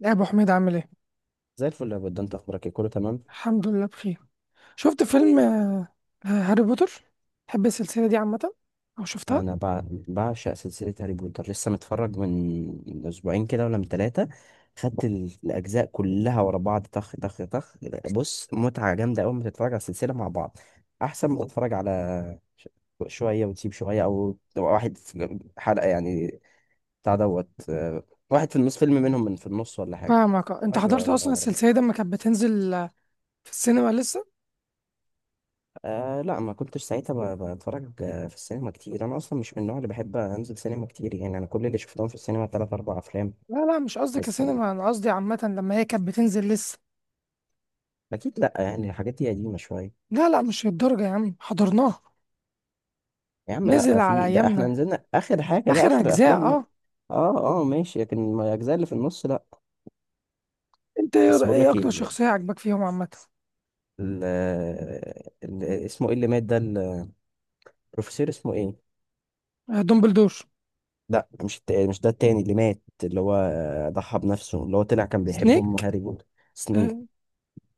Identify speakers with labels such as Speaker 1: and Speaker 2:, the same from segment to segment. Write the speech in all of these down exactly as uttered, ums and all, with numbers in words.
Speaker 1: يا ابو حميد، عامل ايه؟
Speaker 2: زي الفل يا بود، انت اخبارك ايه، كله تمام؟
Speaker 1: الحمد لله بخير. شفت فيلم. آه، آه، هاري بوتر. تحب السلسله دي عامه او شفتها؟
Speaker 2: انا بع- بعشق سلسله هاري بوتر، لسه متفرج من من اسبوعين كده ولا من ثلاثه. خدت ال- الاجزاء كلها ورا بعض، طخ طخ طخ. بص، متعه جامده اول ما تتفرج على السلسله مع بعض احسن ما تتفرج على ش- شويه وتسيب شويه، او واحد في حلقه يعني بتاع دوت، آه، واحد في النص فيلم منهم، من في النص ولا حاجه.
Speaker 1: فاهمك. آه. انت
Speaker 2: اتفرج ورا-
Speaker 1: حضرت اصلا
Speaker 2: ورا-
Speaker 1: السلسله دي لما كانت بتنزل آه، في السينما لسه؟
Speaker 2: آه لا، ما كنتش ساعتها ب- بتفرج آه، في السينما كتير، انا اصلا مش من النوع اللي بحب انزل سينما كتير، يعني انا كل اللي شفتهم في السينما تلات اربع افلام.
Speaker 1: لا، لا، مش قصدي
Speaker 2: بس آه،
Speaker 1: كسينما، انا قصدي عامه لما هي كانت بتنزل لسه.
Speaker 2: اكيد لا، يعني الحاجات دي قديمه شويه.
Speaker 1: لا، لا، مش للدرجه يا عم، حضرناها.
Speaker 2: يا عم
Speaker 1: نزل
Speaker 2: لا،
Speaker 1: على
Speaker 2: في ده احنا
Speaker 1: ايامنا،
Speaker 2: نزلنا اخر حاجه، بقى
Speaker 1: اخر
Speaker 2: اخر
Speaker 1: اجزاء.
Speaker 2: الافلام.
Speaker 1: اه.
Speaker 2: اه اه ماشي، لكن ما- الاجزاء اللي في النص لا.
Speaker 1: انت ايه رأ-
Speaker 2: بس بقول
Speaker 1: إيه
Speaker 2: لك ايه،
Speaker 1: اكتر
Speaker 2: ال...
Speaker 1: شخصيه عجبك فيهم عامه؟
Speaker 2: ال... ال... اسمه ايه اللي مات ده، البروفيسور اسمه ايه؟
Speaker 1: آه، دومبلدور.
Speaker 2: لا، مش الت... مش ده التاني اللي مات، اللي هو آه، ضحى بنفسه، اللي هو طلع كان بيحب ام
Speaker 1: سنيك.
Speaker 2: هاري بوتر. سنيك.
Speaker 1: اه،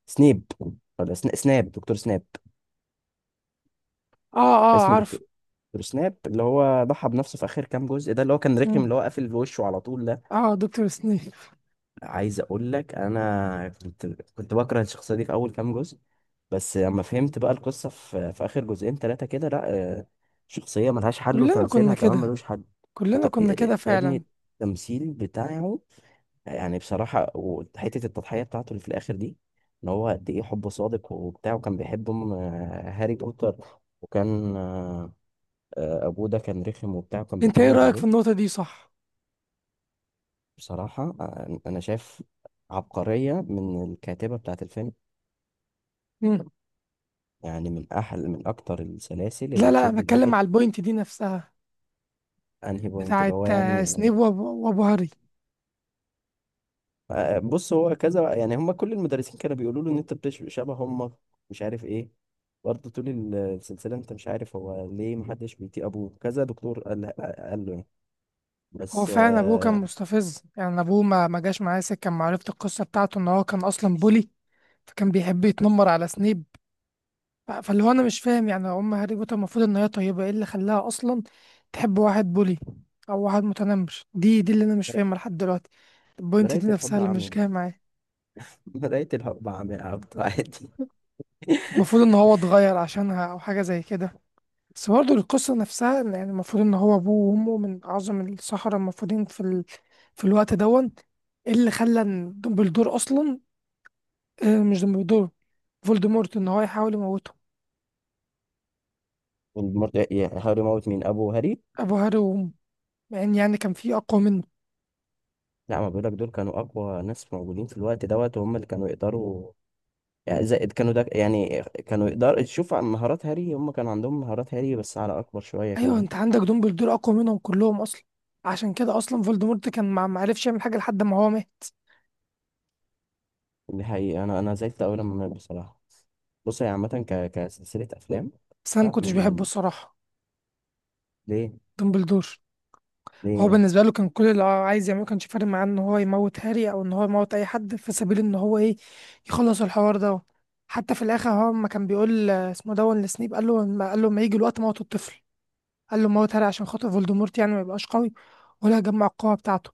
Speaker 2: سنيب. ولا سن- سناب، دكتور سناب.
Speaker 1: اه. آه،
Speaker 2: اسمه
Speaker 1: عارف.
Speaker 2: دكتور دكتور سناب اللي هو ضحى بنفسه في اخر كام جزء ده، اللي هو كان رخم،
Speaker 1: مم.
Speaker 2: اللي هو قافل بوشه على طول ده.
Speaker 1: اه، دكتور سنيك.
Speaker 2: عايز اقول لك، انا كنت كنت بكره الشخصيه دي في اول كام جزء، بس لما فهمت بقى القصه في, في اخر جزئين ثلاثه كده لا، آه، شخصيه ملهاش حل
Speaker 1: كلنا كنا
Speaker 2: وتمثيلها كمان
Speaker 1: كده.
Speaker 2: ملوش حل.
Speaker 1: كلنا
Speaker 2: وت...
Speaker 1: كنا
Speaker 2: يا
Speaker 1: كده
Speaker 2: يا
Speaker 1: فعلا.
Speaker 2: ابني، التمثيل بتاعه يعني بصراحة، وحتة التضحية بتاعته اللي في الآخر دي، إن هو قد إيه حبه صادق وبتاع، وكان بيحب أم آه، هاري بوتر، وكان آه، آه، أبوه ده كان رخم وبتاع وكان
Speaker 1: انت ايه
Speaker 2: بيتنمر
Speaker 1: رأيك في
Speaker 2: عليه.
Speaker 1: النقطة دي، صح؟
Speaker 2: بصراحة آه، أنا شايف عبقرية من الكاتبة بتاعة الفيلم،
Speaker 1: مم.
Speaker 2: يعني من أحل من أكتر السلاسل
Speaker 1: لا،
Speaker 2: اللي
Speaker 1: لا، أنا
Speaker 2: تشد
Speaker 1: بتكلم
Speaker 2: الواحد.
Speaker 1: على البوينت دي نفسها.
Speaker 2: أنهي بوينت اللي
Speaker 1: بتاعت
Speaker 2: هو
Speaker 1: آه،
Speaker 2: يعني؟
Speaker 1: سنيب وابو وأبو هاري.
Speaker 2: آه، بص، هو كذا يعني، هم كل المدرسين كانوا بيقولوا له ان انت بتش- شبه هم، مش عارف ايه، برضه طول ال- السلسله انت مش عارف هو ليه محدش بيطيق ابوه، كذا دكتور قال قال له يعني.
Speaker 1: هو
Speaker 2: بس
Speaker 1: فعلا ابوه كان
Speaker 2: آه،
Speaker 1: مستفز، يعني ابوه ما ما جاش معاه سكه لما عرفت القصه بتاعته ان هو كان اصلا بولي. فكان بيحب يتنمر على سنيب. ف- فاللي هو انا مش فاهم، يعني ام هاري بوتر المفروض ان هي طيبه، ايه اللي خلاها اصلا تحب واحد بولي؟ او واحد متنمر. دي دي اللي انا مش فاهمها لحد دلوقتي. البوينت
Speaker 2: مراية
Speaker 1: دي نفسها
Speaker 2: الحب
Speaker 1: اللي مش
Speaker 2: عمياء.
Speaker 1: جايه معايا.
Speaker 2: مراية الحب عمياء يا عبد، عادي.
Speaker 1: المفروض ان هو اتغير عشانها او حاجه زي كده. بس برضه القصة نفسها إن يعني المفروض إن هو أبوه وأمه من أعظم السحرة المفروضين في ال... في الوقت دون. إيه اللي خلى إن دمبلدور أصلا، آه، مش دمبلدور، فولدمورت، إن هو يحاول يموته؟
Speaker 2: والمرض- يعني هاري موت مين، ابو هاري؟
Speaker 1: أبو هاري وأمه، مع إن يعني كان في أقوى منه.
Speaker 2: لا، ما بقولك دول كانوا اقوى ناس موجودين في الوقت دوت، وهم اللي كانوا يقدروا، يعني زائد كانوا ده، يعني كانوا يقدروا تشوف عن مهارات هاري، هم كان عندهم مهارات هاري بس على اكبر شويه
Speaker 1: أيوه،
Speaker 2: كمان.
Speaker 1: أنت عندك دمبلدور أقوى منهم كلهم أصلا. عشان كده أصلا فولدمورت كان ما ما عرفش يعمل حاجة لحد ما هو مات.
Speaker 2: دي حقيقة، أنا أنا زعلت أوي لما مات بصراحة. بص هي عامة ك... كسلسلة أفلام.
Speaker 1: بس أنا ما
Speaker 2: لا،
Speaker 1: كنتش
Speaker 2: من
Speaker 1: بحبه
Speaker 2: من
Speaker 1: الصراحة.
Speaker 2: ليه
Speaker 1: دمبلدور.
Speaker 2: ليه
Speaker 1: هو
Speaker 2: يعني؟
Speaker 1: بالنسبة له كان كل اللي هو عايز يعمله، كانش فارق معاه ان هو يموت هاري او ان هو يموت اي حد في سبيل ان هو ايه، يخلص الحوار ده. حتى في الاخر هو ما كان بيقول آه، اسمه دون لسنيب، قال له ما قال له ما يجي الوقت موت الطفل. قال له موت هاري عشان خاطر فولدمورت يعني ما يبقاش قوي، ولا يجمع القوة بتاعته.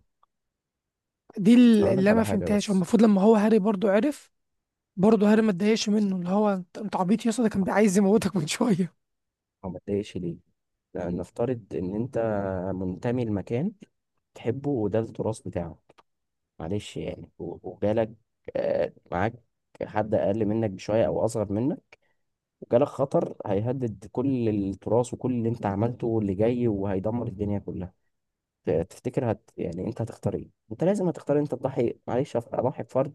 Speaker 1: دي
Speaker 2: بس
Speaker 1: ال-
Speaker 2: أقول
Speaker 1: اللي
Speaker 2: لك
Speaker 1: انا
Speaker 2: على حاجة
Speaker 1: فهمتهاش. هو
Speaker 2: بس.
Speaker 1: المفروض لما هو هاري برضو عرف، برضه هاري ما اتضايقش منه، اللي هو انت أنت عبيط يا اسطى، ده كان عايز يموتك من شوية.
Speaker 2: أو ما تضايقش ليه؟ لأن نفترض إن أنت منتمي لمكان تحبه وده التراث بتاعك، معلش يعني، و- وجالك آه، معاك حد أقل منك بشوية أو أصغر منك، وجالك خطر هيهدد كل التراث وكل اللي أنت عملته واللي جاي، وهيدمر الدنيا كلها. تفتكر هت يعني، انت هتختار ايه؟ انت لازم هتختار انت تضحي، معلش أف- اضحي بفرد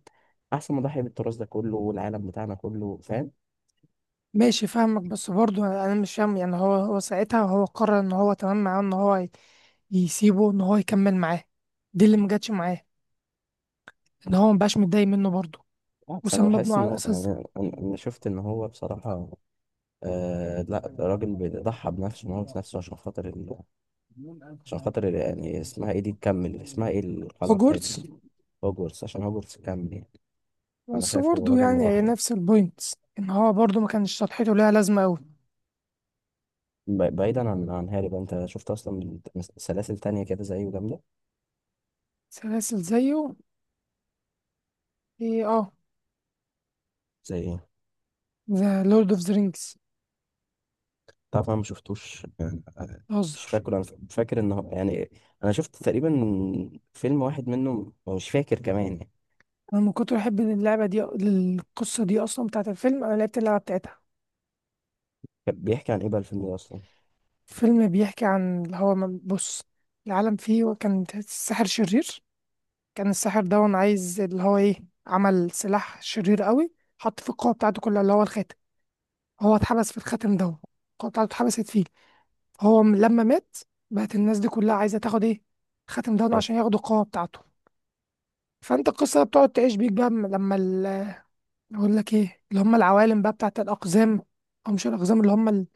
Speaker 2: احسن ما اضحي بالتراث ده كله والعالم بتاعنا كله، فاهم؟
Speaker 1: ماشي، فاهمك، بس برضه انا مش فاهم، يعني هو هو ساعتها هو قرر ان هو تمام معاه ان هو ي- يسيبه ان هو يكمل معاه. دي اللي مجتش معاه، ان هو مبقاش متضايق منه برضه.
Speaker 2: بالعكس، انا
Speaker 1: وسمى ابنه
Speaker 2: بحس ان
Speaker 1: على
Speaker 2: هو يعني
Speaker 1: الاساس ده.
Speaker 2: انا أنا شفت ان هو بصراحه، آه لا، ده راجل بيضحى بنفسه وموت نفسه عشان خاطر ال... عشان خاطر ال... يعني اسمها ايه دي تكمل، اسمها ايه القلعه
Speaker 1: هوجورتس.
Speaker 2: بتاعته؟ هوجورتس. عشان هوجورتس تكمل يعني، انا
Speaker 1: بس
Speaker 2: شايف هو
Speaker 1: برضه
Speaker 2: راجل
Speaker 1: يعني هي
Speaker 2: مضحي.
Speaker 1: نفس البوينت، ان هو برضه ما كانش شطحته ليها لازمه قوي.
Speaker 2: ب- بعيدا عن عن هاري بقى، انت شفت اصلا سلاسل تانية كده زيه جامده؟
Speaker 1: سلاسل زيه؟ ايه، اه.
Speaker 2: زي ايه؟
Speaker 1: ذا لورد اوف ذا رينجز.
Speaker 2: طبعا ما شفتوش يعني، آه، مش
Speaker 1: بهزر.
Speaker 2: فاكر انا، فاكر ان هو يعني، انا شفت تقريبا فيلم واحد منه أو مش فاكر كمان يعني.
Speaker 1: انا من كتر احب اللعبه دي، القصه دي اصلا بتاعت الفيلم، انا لعبت اللعبه بتاعتها.
Speaker 2: كان بيحكي عن ايه بقى الفيلم ده اصلا؟
Speaker 1: فيلم بيحكي عن اللي هو من- بص، العالم فيه كان الساحر شرير. كان الساحر ده عايز اللي هو ايه، عمل سلاح شرير قوي. حط في القوة بتاعته كلها اللي هو الخاتم. هو اتحبس في الخاتم ده. القوة بتاعته اتحبست فيه. هو م- لما مات، بقت الناس دي كلها عايزة تاخد ايه، الخاتم ده عشان
Speaker 2: فاتح.
Speaker 1: ياخدوا القوة بتاعته. فانت القصة بتقعد تعيش بيك بقى. م- لما ال- اقول لك ايه، اللي هم العوالم بقى بتاعت الأقزام، أو مش الأقزام، اللي هم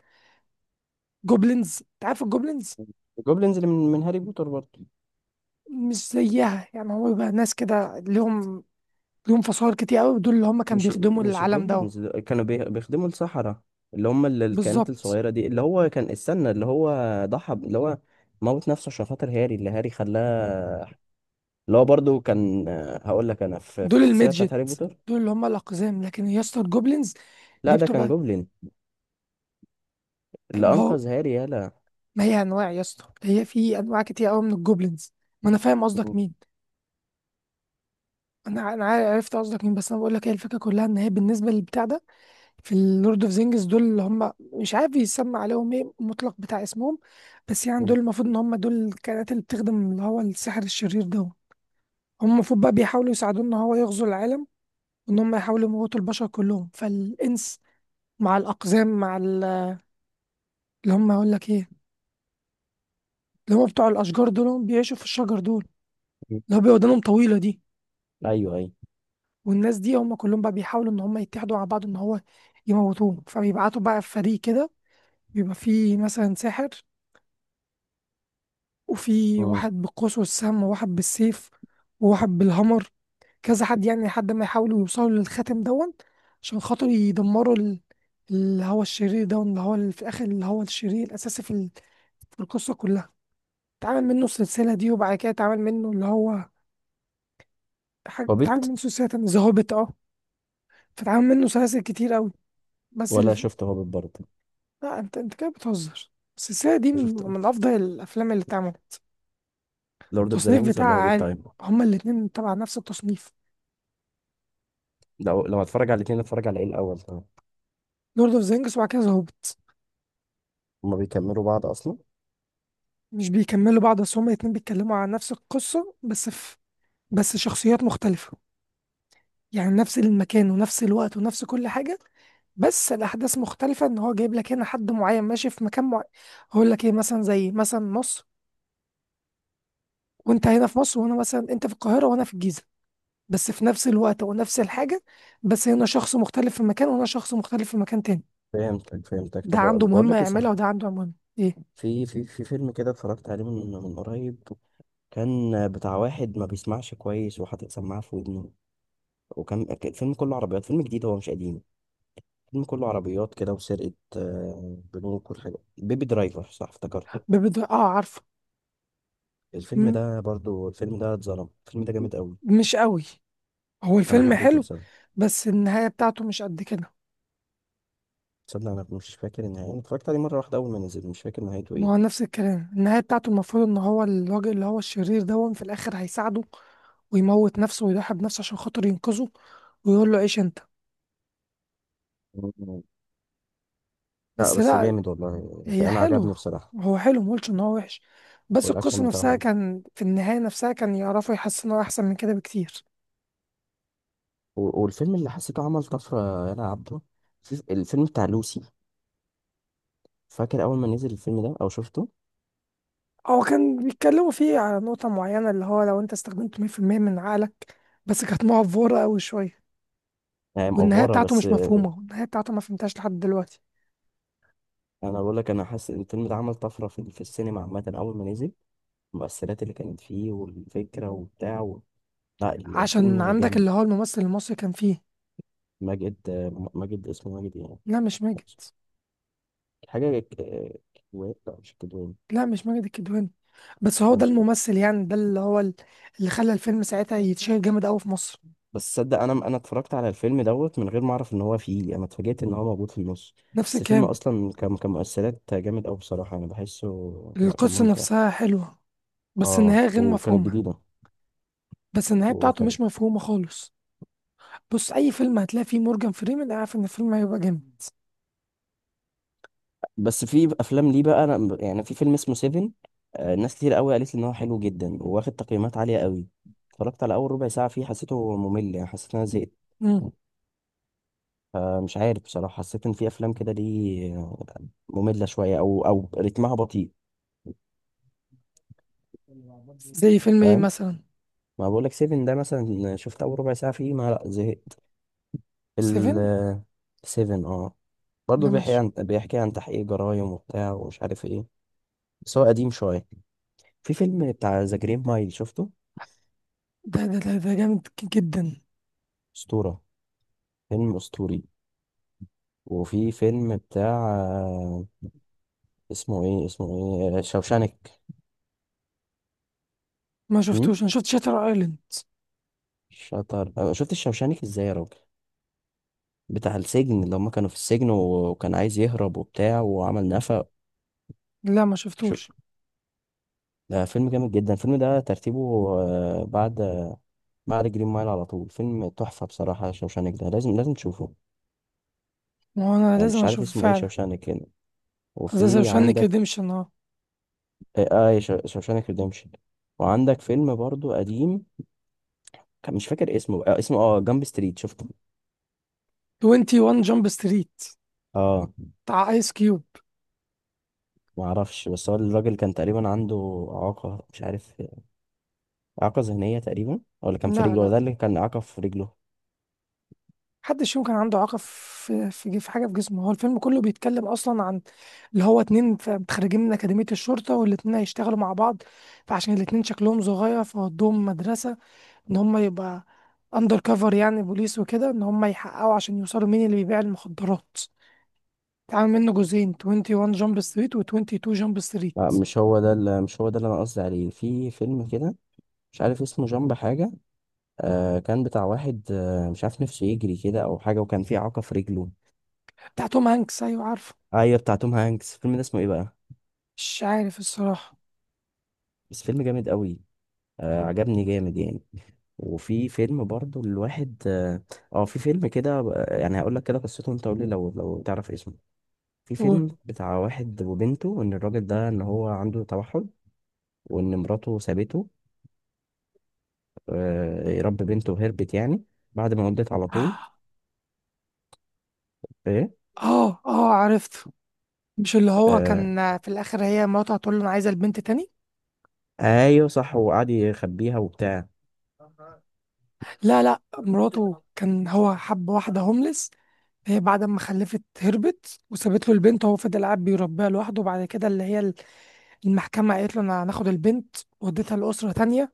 Speaker 1: الجوبلينز. انت عارف الجوبلينز؟
Speaker 2: الجوبلينز اللي من, من هاري بوتر برضه؟
Speaker 1: مش زيها، يعني هو بيبقى ناس كده ليهم ليهم فصائل كتير قوي، دول اللي هم كانوا
Speaker 2: مش
Speaker 1: بيخدموا
Speaker 2: مش
Speaker 1: العالم ده.
Speaker 2: الجوبلينز دول، كانوا بي- بيخدموا السحرة، اللي هم ال- الكائنات
Speaker 1: بالظبط.
Speaker 2: الصغيرة دي اللي هو كان استنى، اللي هو ضحى ب- اللي هو موت نفسه عشان خاطر هاري، اللي هاري خلاه، اللي هو برضه كان آه، هقول لك انا في في
Speaker 1: دول
Speaker 2: السلسلة بتاعت
Speaker 1: الميدجت.
Speaker 2: هاري بوتر.
Speaker 1: دول اللي هم الاقزام، لكن يا اسطى الجوبلينز
Speaker 2: لا
Speaker 1: دي
Speaker 2: ده كان
Speaker 1: بتبقى.
Speaker 2: جوبلين اللي
Speaker 1: ما هو،
Speaker 2: انقذ هاري، يالا.
Speaker 1: ما هي انواع يا اسطى، هي في انواع كتير قوي من الجوبلينز. ما انا فاهم قصدك مين. انا انا عار- عرفت قصدك مين، بس انا بقول لك هي الفكره كلها، ان هي بالنسبه للبتاع ده، في اللورد اوف زينجز دول اللي هم مش عارف يسمى عليهم ايه المطلق بتاع اسمهم. بس يعني دول المفروض ان هم دول الكائنات اللي بتخدم اللي هو السحر الشرير ده. هم المفروض بقى بيحاولوا يساعدوه ان هو يغزو العالم، وان هم يحاولوا يموتوا البشر كلهم، فالانس مع الاقزام، مع ال- اللي هم اقول لك ايه، اللي هم بتوع الاشجار دول، هم بيعيشوا في الشجر دول، اللي هو بيبقى ودانهم طويله دي.
Speaker 2: ايوه ايوه.
Speaker 1: والناس دي هم كلهم بقى بيحاولوا ان هم يتحدوا مع بعض ان هو يموتوه، فبيبعتوا بقى في فريق كده. بيبقى فيه مثلا ساحر، وفي
Speaker 2: امم.
Speaker 1: واحد بالقوس والسم، وواحد بالسيف، وواحد بالهمر، كذا حد، يعني لحد ما يحاولوا يوصلوا للخاتم دون، عشان خاطر يدمروا ال- اللي هو الشرير ده، اللي هو ال- في الاخر اللي هو الشرير الاساسي في ال- في القصه كلها. اتعمل منه السلسله دي، وبعد كده اتعمل منه اللي هو حاجة، اتعمل
Speaker 2: هوبيت.
Speaker 1: منه سلسله تانية، ذا هوبيت. اه. فاتعمل منه سلاسل كتير قوي. بس ال...
Speaker 2: ولا شفت هوبيت برضه؟
Speaker 1: لا، انت انت كده بتهزر. السلسله دي
Speaker 2: أنا
Speaker 1: من,
Speaker 2: شفت
Speaker 1: من افضل الافلام اللي اتعملت.
Speaker 2: لورد اوف ذا
Speaker 1: التصنيف
Speaker 2: رينجز
Speaker 1: بتاعها
Speaker 2: ولا هوبيت
Speaker 1: عالي.
Speaker 2: تايم؟
Speaker 1: هما الاتنين طبعا نفس التصنيف.
Speaker 2: لو لو هتفرج على الاثنين، اتفرج على ايه الاول، تمام؟
Speaker 1: لورد اوف ذا رينجز، وبعد كده ذا هوبيت.
Speaker 2: هما بيكملوا بعض اصلا.
Speaker 1: مش بيكملوا بعض، بس هما الاتنين بيتكلموا عن نفس القصة، بس بس شخصيات مختلفة. يعني نفس المكان ونفس الوقت ونفس كل حاجة، بس الأحداث مختلفة، إن هو جايب لك هنا حد معين ماشي في مكان معين. هقول لك إيه، مثلا زي مثلا مصر، وأنت هنا في مصر وأنا مثلا، أنت في القاهرة وأنا في الجيزة، بس في نفس الوقت ونفس الحاجة. بس هنا شخص مختلف في مكان، وهنا شخص مختلف في مكان تاني.
Speaker 2: فهمتك فهمتك،
Speaker 1: ده
Speaker 2: طب
Speaker 1: عنده
Speaker 2: بقول
Speaker 1: مهمة
Speaker 2: لك ايه،
Speaker 1: يعملها
Speaker 2: صح؟
Speaker 1: وده عنده مهمة. إيه؟
Speaker 2: في في في فيلم كده اتفرجت عليه من من قريب، كان بتاع واحد ما بيسمعش كويس وحاطط سماعه في ودنه، وكان كان الفيلم كله عربيات، فيلم جديد هو مش قديم، الفيلم كله عربيات كده وسرقه آه، بنوك والحاجات، بيبي درايفر صح افتكرته.
Speaker 1: ببدأ. آه، عارفه.
Speaker 2: الفيلم
Speaker 1: م-
Speaker 2: ده برضو، الفيلم ده اتظلم، الفيلم ده جامد قوي.
Speaker 1: مش قوي. هو
Speaker 2: انا
Speaker 1: الفيلم
Speaker 2: حبيته
Speaker 1: حلو،
Speaker 2: بصراحه.
Speaker 1: بس النهاية بتاعته مش قد كده.
Speaker 2: تصدق انا مش فاكر النهايه، انا اتفرجت عليه مره واحده اول ما نزل مش فاكر نهايته
Speaker 1: ما
Speaker 2: ايه.
Speaker 1: هو نفس الكلام، النهاية بتاعته المفروض ان هو الراجل اللي هو الشرير ده في الاخر هيساعده، ويموت نفسه ويضحي بنفسه عشان خاطر ينقذه، ويقول له عيش انت.
Speaker 2: مم. لا
Speaker 1: بس
Speaker 2: بس
Speaker 1: لا.
Speaker 2: جامد والله
Speaker 1: هي
Speaker 2: فانا
Speaker 1: حلو.
Speaker 2: عجبني بصراحه.
Speaker 1: هو حلو، مقولش ان هو وحش، بس
Speaker 2: والاكشن
Speaker 1: القصة
Speaker 2: بتاعه
Speaker 1: نفسها
Speaker 2: حلو،
Speaker 1: كان في النهاية نفسها كان يعرفوا يحسنوا احسن من كده بكتير.
Speaker 2: و- والفيلم اللي حسيته عمل طفره يا عبده، في- الفيلم بتاع لوسي. فاكر اول ما نزل الفيلم ده او شفته.
Speaker 1: هو كان بيتكلموا فيه على نقطة معينة، اللي هو لو انت استخدمت مية في المية من عقلك، بس كانت مقفورة أوي شوية.
Speaker 2: هي
Speaker 1: والنهاية
Speaker 2: مأفورة
Speaker 1: بتاعته
Speaker 2: بس.
Speaker 1: مش مفهومة، النهاية بتاعته ما فهمتهاش لحد دلوقتي.
Speaker 2: انا بقول لك انا حاسس ان الفيلم ده عمل طفره في في السينما عامه اول ما نزل، المؤثرات اللي كانت فيه والفكره وبتاع و... لا
Speaker 1: عشان
Speaker 2: الفيلم
Speaker 1: عندك
Speaker 2: جامد.
Speaker 1: اللي هو الممثل المصري كان فيه.
Speaker 2: ماجد، آه، ماجد، اسمه ماجد يعني،
Speaker 1: لا، مش ماجد.
Speaker 2: حاجه ك- كدوان، لا مش كدوان.
Speaker 1: لا، مش ماجد الكدواني، بس هو
Speaker 2: أنا
Speaker 1: ده
Speaker 2: مش...
Speaker 1: الممثل يعني، ده اللي هو ال- اللي خلى الفيلم ساعتها يتشهر جامد قوي في مصر.
Speaker 2: بس صدق، انا انا اتفرجت على الفيلم دوت من غير ما اعرف ان هو فيه، انا اتفاجئت ان هو موجود في النص.
Speaker 1: نفس
Speaker 2: بس الفيلم
Speaker 1: الكلام.
Speaker 2: اصلا كان كان مؤثرات جامد قوي بصراحه انا بحسه. لا كان
Speaker 1: القصة
Speaker 2: ممتع.
Speaker 1: نفسها حلوة، بس
Speaker 2: اه
Speaker 1: النهاية غير
Speaker 2: وكانت
Speaker 1: مفهومة.
Speaker 2: جديده.
Speaker 1: بس النهاية بتاعته
Speaker 2: وكان...
Speaker 1: مش مفهومة خالص. بص، أي فيلم هتلاقي فيه مورجان فريمان أنا عارف إن الفيلم هيبقى جامد.
Speaker 2: بس في افلام ليه بقى، انا يعني، في فيلم اسمه سيفن، آه، ناس كتير قوي قالت لي ان هو حلو جدا وواخد تقييمات عاليه قوي، اتفرجت على اول ربع ساعه فيه حسيته ممل، يعني حسيت ان انا زهقت.
Speaker 1: مم.
Speaker 2: فمش عارف بصراحة، حسيت إن في أفلام كده دي آه، مملة شوية أو أو رتمها بطيء.
Speaker 1: زي فيلم إيه
Speaker 2: فاهم،
Speaker 1: مثلا؟
Speaker 2: ما بقولك سيفن ده مثلا شفت أول ربع ساعة فيه، ما لأ زهقت. ال
Speaker 1: سيفن.
Speaker 2: سيفن اه،
Speaker 1: لا،
Speaker 2: برضه بيحكي
Speaker 1: مش
Speaker 2: عن بيحكي عن تحقيق جرايم وبتاع ومش عارف ايه، بس هو قديم شوية. في فيلم بتاع ذا جرين مايل شفته،
Speaker 1: ده ده ده, ده جامد ك- جدا.
Speaker 2: أسطورة، فيلم أسطوري. وفي فيلم بتاع آه، اسمه ايه، اسمه ايه، شوشانك.
Speaker 1: ما
Speaker 2: امم.
Speaker 1: شفتوش، أنا شفت شاتر أيلاند.
Speaker 2: شطر آه، شفت الشوشانك ازاي يا راجل، بتاع السجن لما كانوا في السجن وكان عايز يهرب وبتاع وعمل نفق.
Speaker 1: لا، ما
Speaker 2: شو...
Speaker 1: شفتوش.
Speaker 2: ده فيلم جامد جدا، الفيلم ده ترتيبه آه، بعد، بعد جرين مايل على طول، فيلم تحفة بصراحة، شوشانك ده لازم لازم تشوفه.
Speaker 1: ما هو أنا
Speaker 2: آه،
Speaker 1: لازم
Speaker 2: مش عارف
Speaker 1: أشوفه
Speaker 2: اسمه ايه،
Speaker 1: فعلا.
Speaker 2: شوشانك هنا
Speaker 1: أساسا
Speaker 2: وفي
Speaker 1: شانك
Speaker 2: عندك.
Speaker 1: ريديمشن.
Speaker 2: اه، آه، شو- شوشانك ريديمشن. وعندك فيلم برضو قديم، كان مش فاكر اسمه، آه اسمه اه جامب ستريت شفته.
Speaker 1: تواني ون جامب ستريت جامب ستريت.
Speaker 2: اه.
Speaker 1: بتاع ايس كيوب.
Speaker 2: معرفش، بس هو الراجل كان تقريبا عنده إعاقة، مش عارف إعاقة ذهنية تقريبا ولا كان في
Speaker 1: لا،
Speaker 2: رجله، ولا
Speaker 1: لا،
Speaker 2: ده اللي كان إعاقة في رجله.
Speaker 1: محدش يمكن عنده اعاقه في في في حاجه في جسمه. هو الفيلم كله بيتكلم اصلا عن اللي هو اتنين ف- متخرجين من اكاديميه الشرطه، والاتنين هيشتغلوا مع بعض، فعشان الاتنين شكلهم صغير فودوهم مدرسه، ان هم يبقى اندر كفر، يعني بوليس وكده، ان هم يحققوا عشان يوصلوا مين اللي بيبيع المخدرات. اتعمل منه جزئين، واحد وعشرين جامب ستريت جامب ستريت و22 جامب ستريت.
Speaker 2: لا مش هو ده اللي، مش هو ده اللي انا قصدي عليه، في فيلم كده مش عارف اسمه جامب حاجه، آه كان بتاع واحد، آه مش عارف نفسه يجري كده او حاجه وكان في اعاقه في رجله.
Speaker 1: بتاع توم هانكس. ايوه، عارفه.
Speaker 2: ايوه بتاع توم هانكس، الفيلم ده اسمه ايه بقى؟
Speaker 1: مش عارف الصراحه.
Speaker 2: بس فيلم جامد قوي، آه عجبني جامد يعني. وفي فيلم برضو الواحد اه، آه، في فيلم كده، آه، يعني هقول لك كده قصته، انت قول لي لو لو تعرف اسمه. في فيلم بتاع واحد وبنته، ان الراجل ده ان هو عنده توحد، وان مراته سابته، آه يربي بنته وهربت يعني بعد ما ولدت على
Speaker 1: قول.
Speaker 2: طول. ايه.
Speaker 1: اه، اه، عرفته. مش اللي هو
Speaker 2: آه.
Speaker 1: كان في الاخر هي مراته هتقول له انا عايزه البنت تاني؟
Speaker 2: ايوه صح، وقعد يخبيها وبتاع.
Speaker 1: لا، لا، مراته كان هو حب واحده هوملس. هي بعد ما خلفت هربت وسابت له البنت، وهو فضل قاعد بيربيها لوحده، وبعد كده اللي هي المحكمه قالت له انا هناخد البنت وديتها لاسره تانية.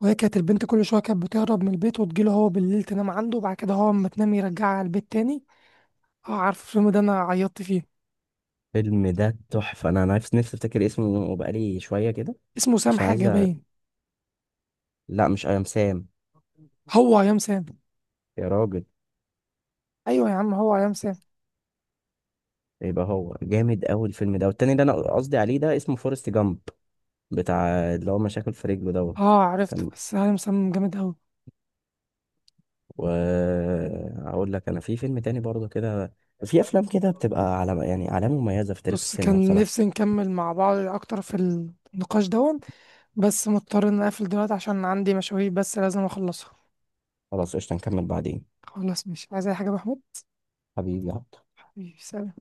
Speaker 1: وهي كانت البنت كل شويه كانت بتهرب من البيت وتجيله هو بالليل تنام عنده، وبعد كده هو اما تنام يرجعها على البيت تاني. اه، عارف الفيلم ده، انا عيطت فيه.
Speaker 2: الفيلم ده تحفه، انا أنا نفسي نفسي افتكر اسمه، وبقالي شويه كده
Speaker 1: اسمه سام
Speaker 2: عشان عايز
Speaker 1: حاجه
Speaker 2: أ...
Speaker 1: باين.
Speaker 2: لا مش ايام سام.
Speaker 1: هو يا سام.
Speaker 2: يا راجل.
Speaker 1: ايوه يا عم، هو يا سام.
Speaker 2: يبقى هو جامد قوي الفيلم ده، والتاني اللي انا قصدي عليه ده اسمه فورست جامب، بتاع اللي هو مشاكل في رجله دوت.
Speaker 1: اه،
Speaker 2: كان،
Speaker 1: عرفت. بس هاي مسمم جامد أوي.
Speaker 2: و، اقول لك، انا في فيلم تاني برضه كده، في افلام كده بتبقى علامه، يعني علامه مميزه في تاريخ
Speaker 1: بص،
Speaker 2: السينما
Speaker 1: كان نفسي
Speaker 2: بصراحه.
Speaker 1: نكمل مع بعض أكتر في النقاش دون، بس مضطر إن أقفل دلوقتي عشان عندي مشاوير بس لازم أخلصها.
Speaker 2: خلاص قشطه، نكمل بعدين.
Speaker 1: خلاص، مش عايز أي حاجة يا محمود.
Speaker 2: حبيبي يا عبد.
Speaker 1: حبيبي، سلام.